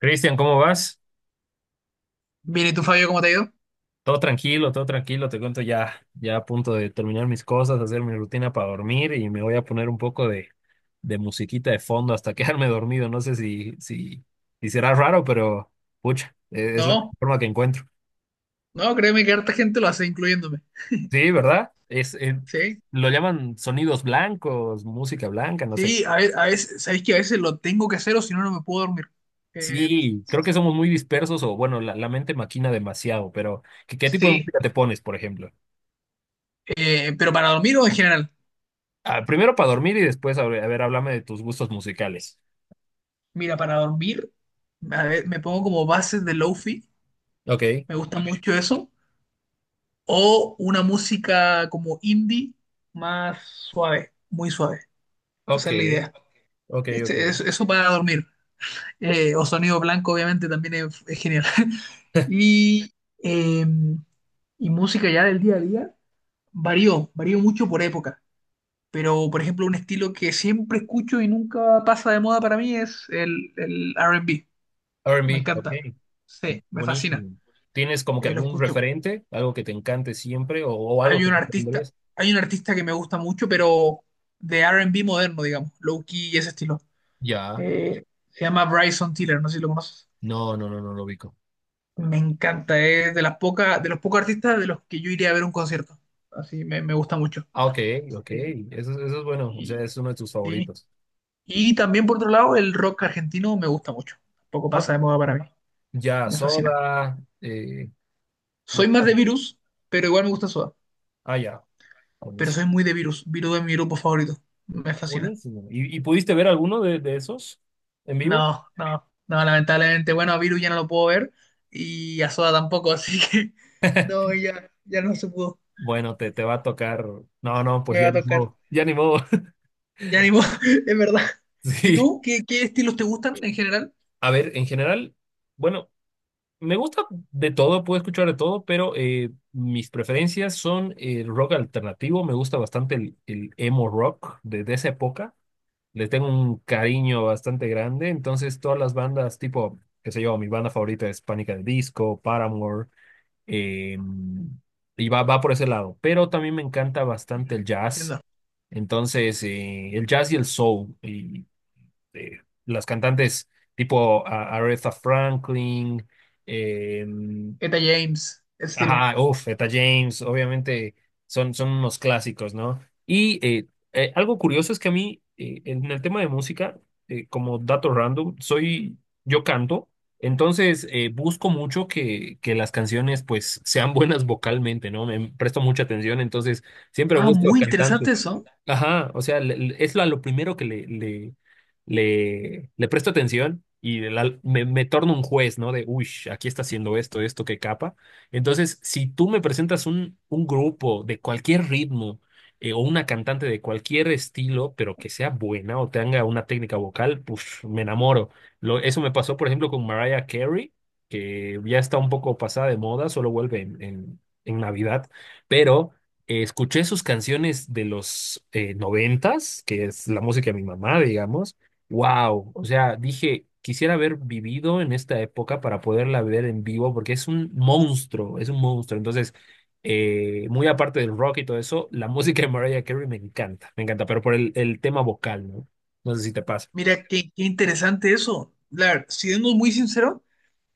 Cristian, ¿cómo vas? Bien, ¿y tú, Fabio, cómo te ha ido? Todo tranquilo, te cuento ya, ya a punto de terminar mis cosas, hacer mi rutina para dormir y me voy a poner un poco de musiquita de fondo hasta quedarme dormido. No sé si será raro, pero pucha, es la No, forma que encuentro. no, créeme que harta gente lo hace, incluyéndome. Sí, ¿verdad? Es, Sí, lo llaman sonidos blancos, música blanca, no sé. sí, a veces, sabéis que a veces lo tengo que hacer o si no, no me puedo dormir. Eh, Sí, creo que somos muy dispersos o bueno, la mente maquina demasiado, pero ¿qué, qué tipo de sí, música te pones, por ejemplo? Pero para dormir o en general. Ah, primero para dormir y después, a ver, háblame de tus gustos musicales. Mira, para dormir, a ver, me pongo como bases de lofi, Ok, me gusta mucho eso, o una música como indie más suave, muy suave. ok, Esa es la idea. ok, ok. Eso para dormir. O sonido blanco, obviamente, también es genial. Y em, Y música ya del día a día varió mucho por época. Pero, por ejemplo, un estilo que siempre escucho y nunca pasa de moda para mí es el R&B. Me R&B, ok, encanta. Sí, me fascina. buenísimo. ¿Tienes como que Lo algún escucho. referente, algo que te encante siempre o algo Hay que un no artista, pondrías? hay un artista que me gusta mucho, pero de R&B moderno, digamos, low-key y ese estilo. Ya, Eh, se llama Bryson Tiller, no sé si lo conoces. no, no, no, no lo ubico. Me encanta, es de las pocas, de los pocos artistas de los que yo iría a ver un concierto. Así me gusta mucho. Ah, ok, ok, Eh, eso es bueno, o sea, y, es uno de tus sí. favoritos. Y también, por otro lado, el rock argentino me gusta mucho. Poco Ah, pasa de moda para mí. ya, Me fascina. Soda, lo- Soy más de Virus, pero igual me gusta Soda. ah, ya, Pero buenísimo. soy muy de Virus. Virus es mi grupo favorito. Me fascina. Buenísimo. Y pudiste ver alguno de esos en vivo? No, no, no, lamentablemente. Bueno, a Virus ya no lo puedo ver y a Soda tampoco, así que no, ya, ya no se pudo. Bueno, te va a tocar. No, no, pues Me va ya a ni tocar. modo, ya ni modo. Ya ni modo, es verdad. ¿Y Sí. tú? ¿Qué, qué estilos te gustan en general? A ver, en general, bueno. Me gusta de todo, puedo escuchar de todo, pero mis preferencias son el rock alternativo. Me gusta bastante el emo rock desde esa época. Le tengo un cariño bastante grande. Entonces, todas las bandas, tipo, qué sé yo, mi banda favorita es Pánica de Disco, Paramore, eh, y va, va por ese lado. Pero también me encanta bastante Mm, el jazz. entiendo. Entonces, el jazz y el soul. Y las cantantes tipo Aretha Franklin. Eh, Eta James, ese estilo. Ajá, uf, Eta James, obviamente son, son unos clásicos, ¿no? Y algo curioso es que a mí, en el tema de música, como dato random, soy, yo canto, entonces busco mucho que las canciones pues sean buenas vocalmente, ¿no? Me presto mucha atención, entonces siempre Ah, busco a muy cantantes. interesante eso. Ajá, o sea, es lo, a lo primero que le presto atención y me, me torno un juez, ¿no? De, uy, aquí está haciendo esto, esto, qué capa. Entonces, si tú me presentas un grupo de cualquier ritmo o una cantante de cualquier estilo, pero que sea buena o tenga una técnica vocal, pues me enamoro. Lo, eso me pasó, por ejemplo, con Mariah Carey, que ya está un poco pasada de moda, solo vuelve en Navidad, pero escuché sus canciones de los noventas, que es la música de mi mamá, digamos. Wow, o sea, dije, quisiera haber vivido en esta época para poderla ver en vivo, porque es un monstruo, es un monstruo. Entonces, muy aparte del rock y todo eso, la música de Mariah Carey me encanta, pero por el tema vocal, ¿no? No sé si te pasa. Mira, qué, qué interesante eso. Siendo muy sincero,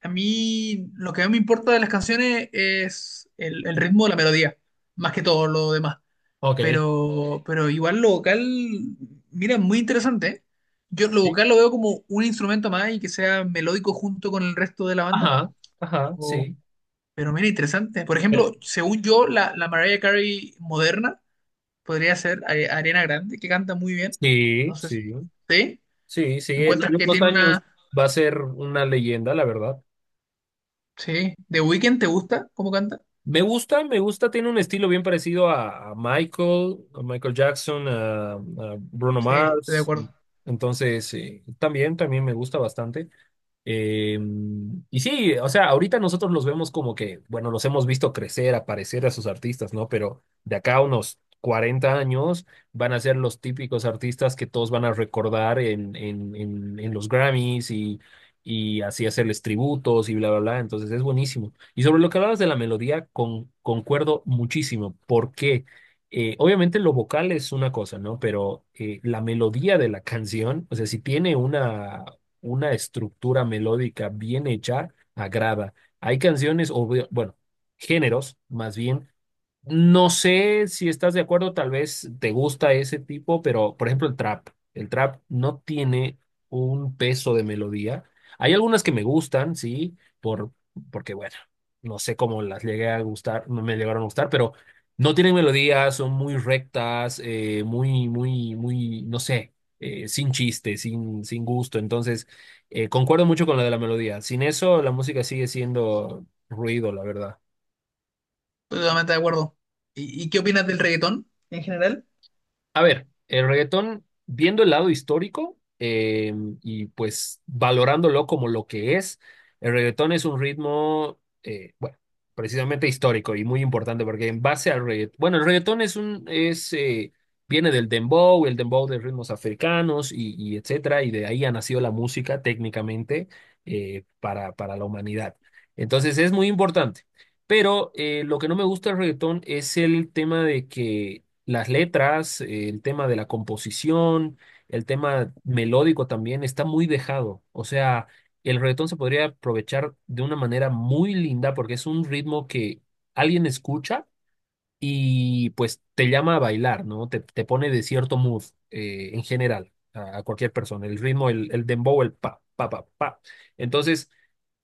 a mí lo que a me importa de las canciones es el ritmo de la melodía, más que todo lo demás. Ok, Pero igual lo vocal, mira, muy interesante, ¿eh? Yo lo sí. vocal lo veo como un instrumento más y que sea melódico junto con el resto de la banda. Ajá, ajá, Pero, sí. pero mira, interesante. Por Pero- ejemplo, según yo, la Mariah Carey moderna podría ser Ariana Grande, que canta muy bien. No Sí, sé si... sí, ¿Sí? sí, sí. En ¿Encuentras que unos tiene años una... va a ser una leyenda, la verdad. Sí, ¿The Weeknd te gusta cómo canta? Me gusta, tiene un estilo bien parecido a Michael Jackson, a Bruno Sí, estoy de Mars. acuerdo, Entonces, también, también me gusta bastante. Eh, y sí, o sea, ahorita nosotros los vemos como que, bueno, los hemos visto crecer, aparecer a sus artistas, ¿no? Pero de acá a unos 40 años van a ser los típicos artistas que todos van a recordar en los Grammys y así hacerles tributos y bla, bla, bla. Entonces es buenísimo. Y sobre lo que hablabas de la melodía, concuerdo muchísimo, porque obviamente lo vocal es una cosa, ¿no? Pero la melodía de la canción, o sea, si tiene una estructura melódica bien hecha agrada. Hay canciones, o bueno, géneros más bien, no sé si estás de acuerdo, tal vez te gusta ese tipo, pero por ejemplo el trap no tiene un peso de melodía. Hay algunas que me gustan, sí, por, porque bueno, no sé cómo las llegué a gustar, no me llegaron a gustar, pero no tienen melodía, son muy rectas, no sé, sin chiste, sin, sin gusto. Entonces, concuerdo mucho con la de la melodía. Sin eso, la música sigue siendo ruido, la verdad. estoy totalmente de acuerdo. Y qué opinas del reggaetón en general? A ver, el reggaetón, viendo el lado histórico y pues valorándolo como lo que es, el reggaetón es un ritmo, bueno, precisamente histórico y muy importante porque en base al reggaetón, bueno, el reggaetón es un, es, viene del dembow, el dembow de ritmos africanos y etcétera, y de ahí ha nacido la música técnicamente para la humanidad. Entonces es muy importante. Pero lo que no me gusta del reggaetón es el tema de que las letras, el tema de la composición, el tema melódico también está muy dejado. O sea, el reggaetón se podría aprovechar de una manera muy linda porque es un ritmo que alguien escucha y pues te llama a bailar, ¿no? Te pone de cierto mood en general a cualquier persona. El ritmo, el dembow, el pa, pa, pa, pa. Entonces,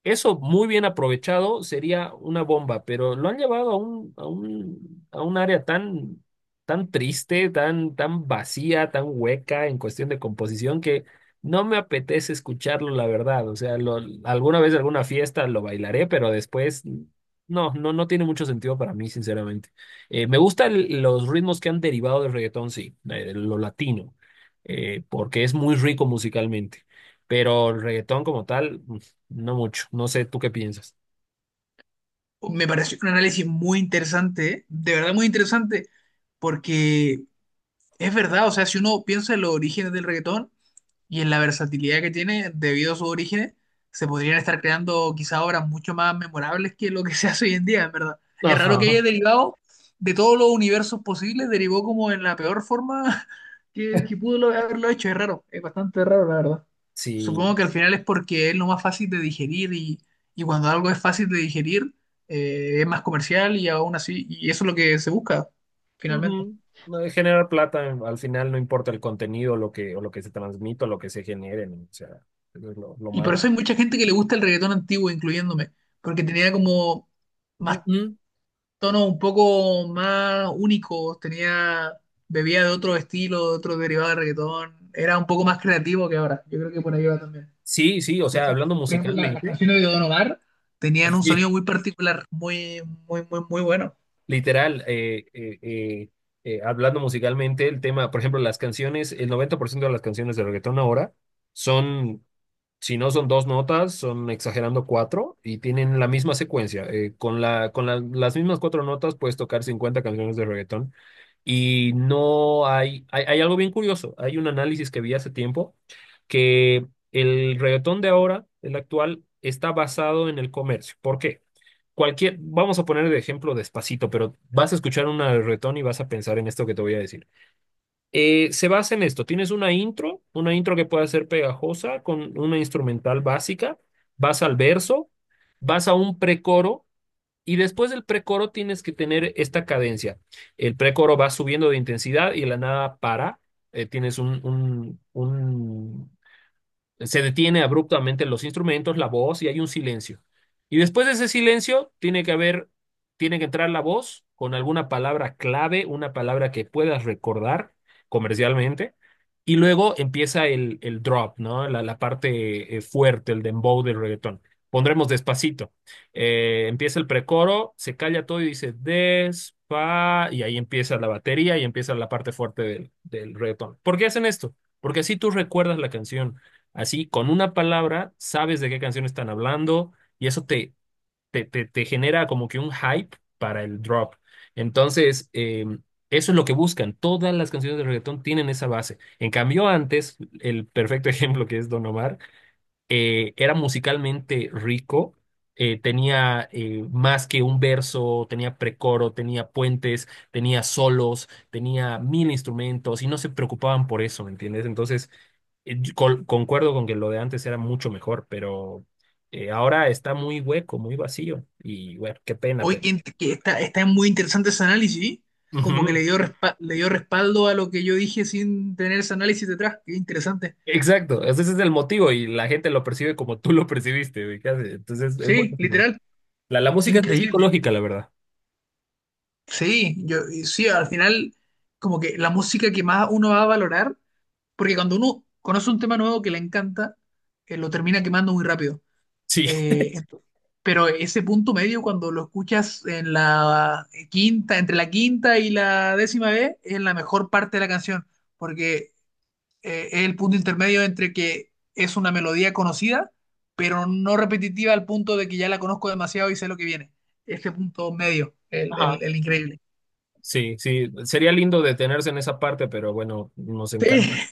eso muy bien aprovechado sería una bomba, pero lo han llevado a un área tan, tan triste, tan, tan vacía, tan hueca en cuestión de composición que no me apetece escucharlo, la verdad. O sea, alguna vez, alguna fiesta lo bailaré, pero después no, no, no tiene mucho sentido para mí, sinceramente. Me gustan los ritmos que han derivado del reggaetón, sí, lo latino, porque es muy rico musicalmente, pero el reggaetón como tal. No mucho. No sé, ¿tú qué piensas? Oh, me pareció un análisis muy interesante, ¿eh? De verdad muy interesante, porque es verdad, o sea, si uno piensa en los orígenes del reggaetón, y en la versatilidad que tiene, debido a sus orígenes, se podrían estar creando quizá obras mucho más memorables que lo que se hace hoy en día, en verdad. Es raro que haya Ajá. derivado de todos los universos posibles, derivó como en la peor forma que pudo haberlo hecho. Es raro, es bastante raro, la verdad. Supongo Sí. que al final es porque es lo más fácil de digerir y cuando algo es fácil de digerir, es más comercial y aún así, y eso es lo que se busca, finalmente. Ujú. No, de generar plata, al final no importa el contenido, lo que, o lo que se transmite, o lo que se genere, ¿no? O sea, eso es lo Y por malo. eso hay mucha gente que le gusta el reggaetón antiguo, incluyéndome, porque tenía como más Ujú. tonos un poco más únicos, tenía, bebía de otro estilo, de otro derivado de reggaetón, era un poco más creativo que ahora. Yo creo que por ahí va también. Sí, sí, o Por sea, eso, hablando por ejemplo, las musicalmente, canciones de Don Omar tenían un sí, sonido muy particular, muy, muy, muy, muy bueno. literal, hablando musicalmente, el tema, por ejemplo, las canciones, el 90% de las canciones de reggaetón ahora son. Si no son dos notas, son exagerando cuatro y tienen la misma secuencia. Las mismas cuatro notas puedes tocar 50 canciones de reggaetón y no hay, hay algo bien curioso. Hay un análisis que vi hace tiempo que el reggaetón de ahora, el actual, está basado en el comercio. ¿Por qué? Cualquier, vamos a poner de ejemplo Despacito, pero vas a escuchar una de reggaetón y vas a pensar en esto que te voy a decir. Se basa en esto. Tienes una intro que puede ser pegajosa con una instrumental básica, vas al verso, vas a un precoro y después del precoro tienes que tener esta cadencia. El precoro va subiendo de intensidad y de la nada para. Un se detiene abruptamente los instrumentos, la voz y hay un silencio. Y después de ese silencio tiene que haber, tiene que entrar la voz con alguna palabra clave, una palabra que puedas recordar comercialmente. Y luego empieza el drop, ¿no? La parte fuerte, el dembow del reggaetón. Pondremos despacito. Empieza el precoro, se calla todo y dice despa, y ahí empieza la batería y empieza la parte fuerte del reggaetón. ¿Por qué hacen esto? Porque así tú recuerdas la canción. Así, con una palabra, sabes de qué canción están hablando y eso te genera como que un hype para el drop. Entonces, eso es lo que buscan. Todas las canciones de reggaetón tienen esa base. En cambio, antes, el perfecto ejemplo que es Don Omar, era musicalmente rico, tenía más que un verso, tenía precoro, tenía puentes, tenía solos, tenía mil instrumentos y no se preocupaban por eso, ¿me entiendes? Entonces... Yo concuerdo con que lo de antes era mucho mejor, pero ahora está muy hueco, muy vacío. Y bueno, qué pena, Hoy pero. Está muy interesante ese análisis, como que Ujú. Le dio respaldo a lo que yo dije sin tener ese análisis detrás. Qué interesante. Exacto, ese es el motivo y la gente lo percibe como tú lo percibiste. Güey, casi. Entonces es Sí, buenísimo. literal. La Qué música es muy increíble, ¿eh? psicológica, la verdad. Sí, yo y sí, al final como que la música que más uno va a valorar, porque cuando uno conoce un tema nuevo que le encanta, lo termina quemando muy rápido. Sí. Eh, ent- pero ese punto medio cuando lo escuchas en la quinta, entre la quinta y la décima vez, es la mejor parte de la canción, porque es el punto intermedio entre que es una melodía conocida, pero no repetitiva al punto de que ya la conozco demasiado y sé lo que viene. Ese punto medio, el, Ajá. el el increíble. Sí, sí, sería lindo detenerse en esa parte, pero bueno, nos encanta Sí,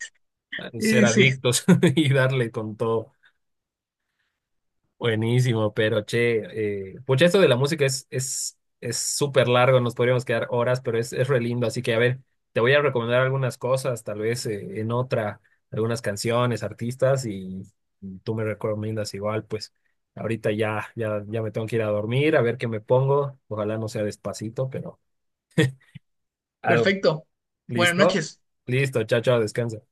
ser y sí, adictos y darle con todo. Buenísimo, pero che, pucha, esto de la música es súper largo, nos podríamos quedar horas, pero es re lindo, así que a ver, te voy a recomendar algunas cosas, tal vez en otra, algunas canciones, artistas, y tú me recomiendas igual, pues ahorita ya, ya, ya me tengo que ir a dormir, a ver qué me pongo, ojalá no sea despacito, pero algo, perfecto. Buenas ¿listo? noches. Listo, chao, chao, descansa.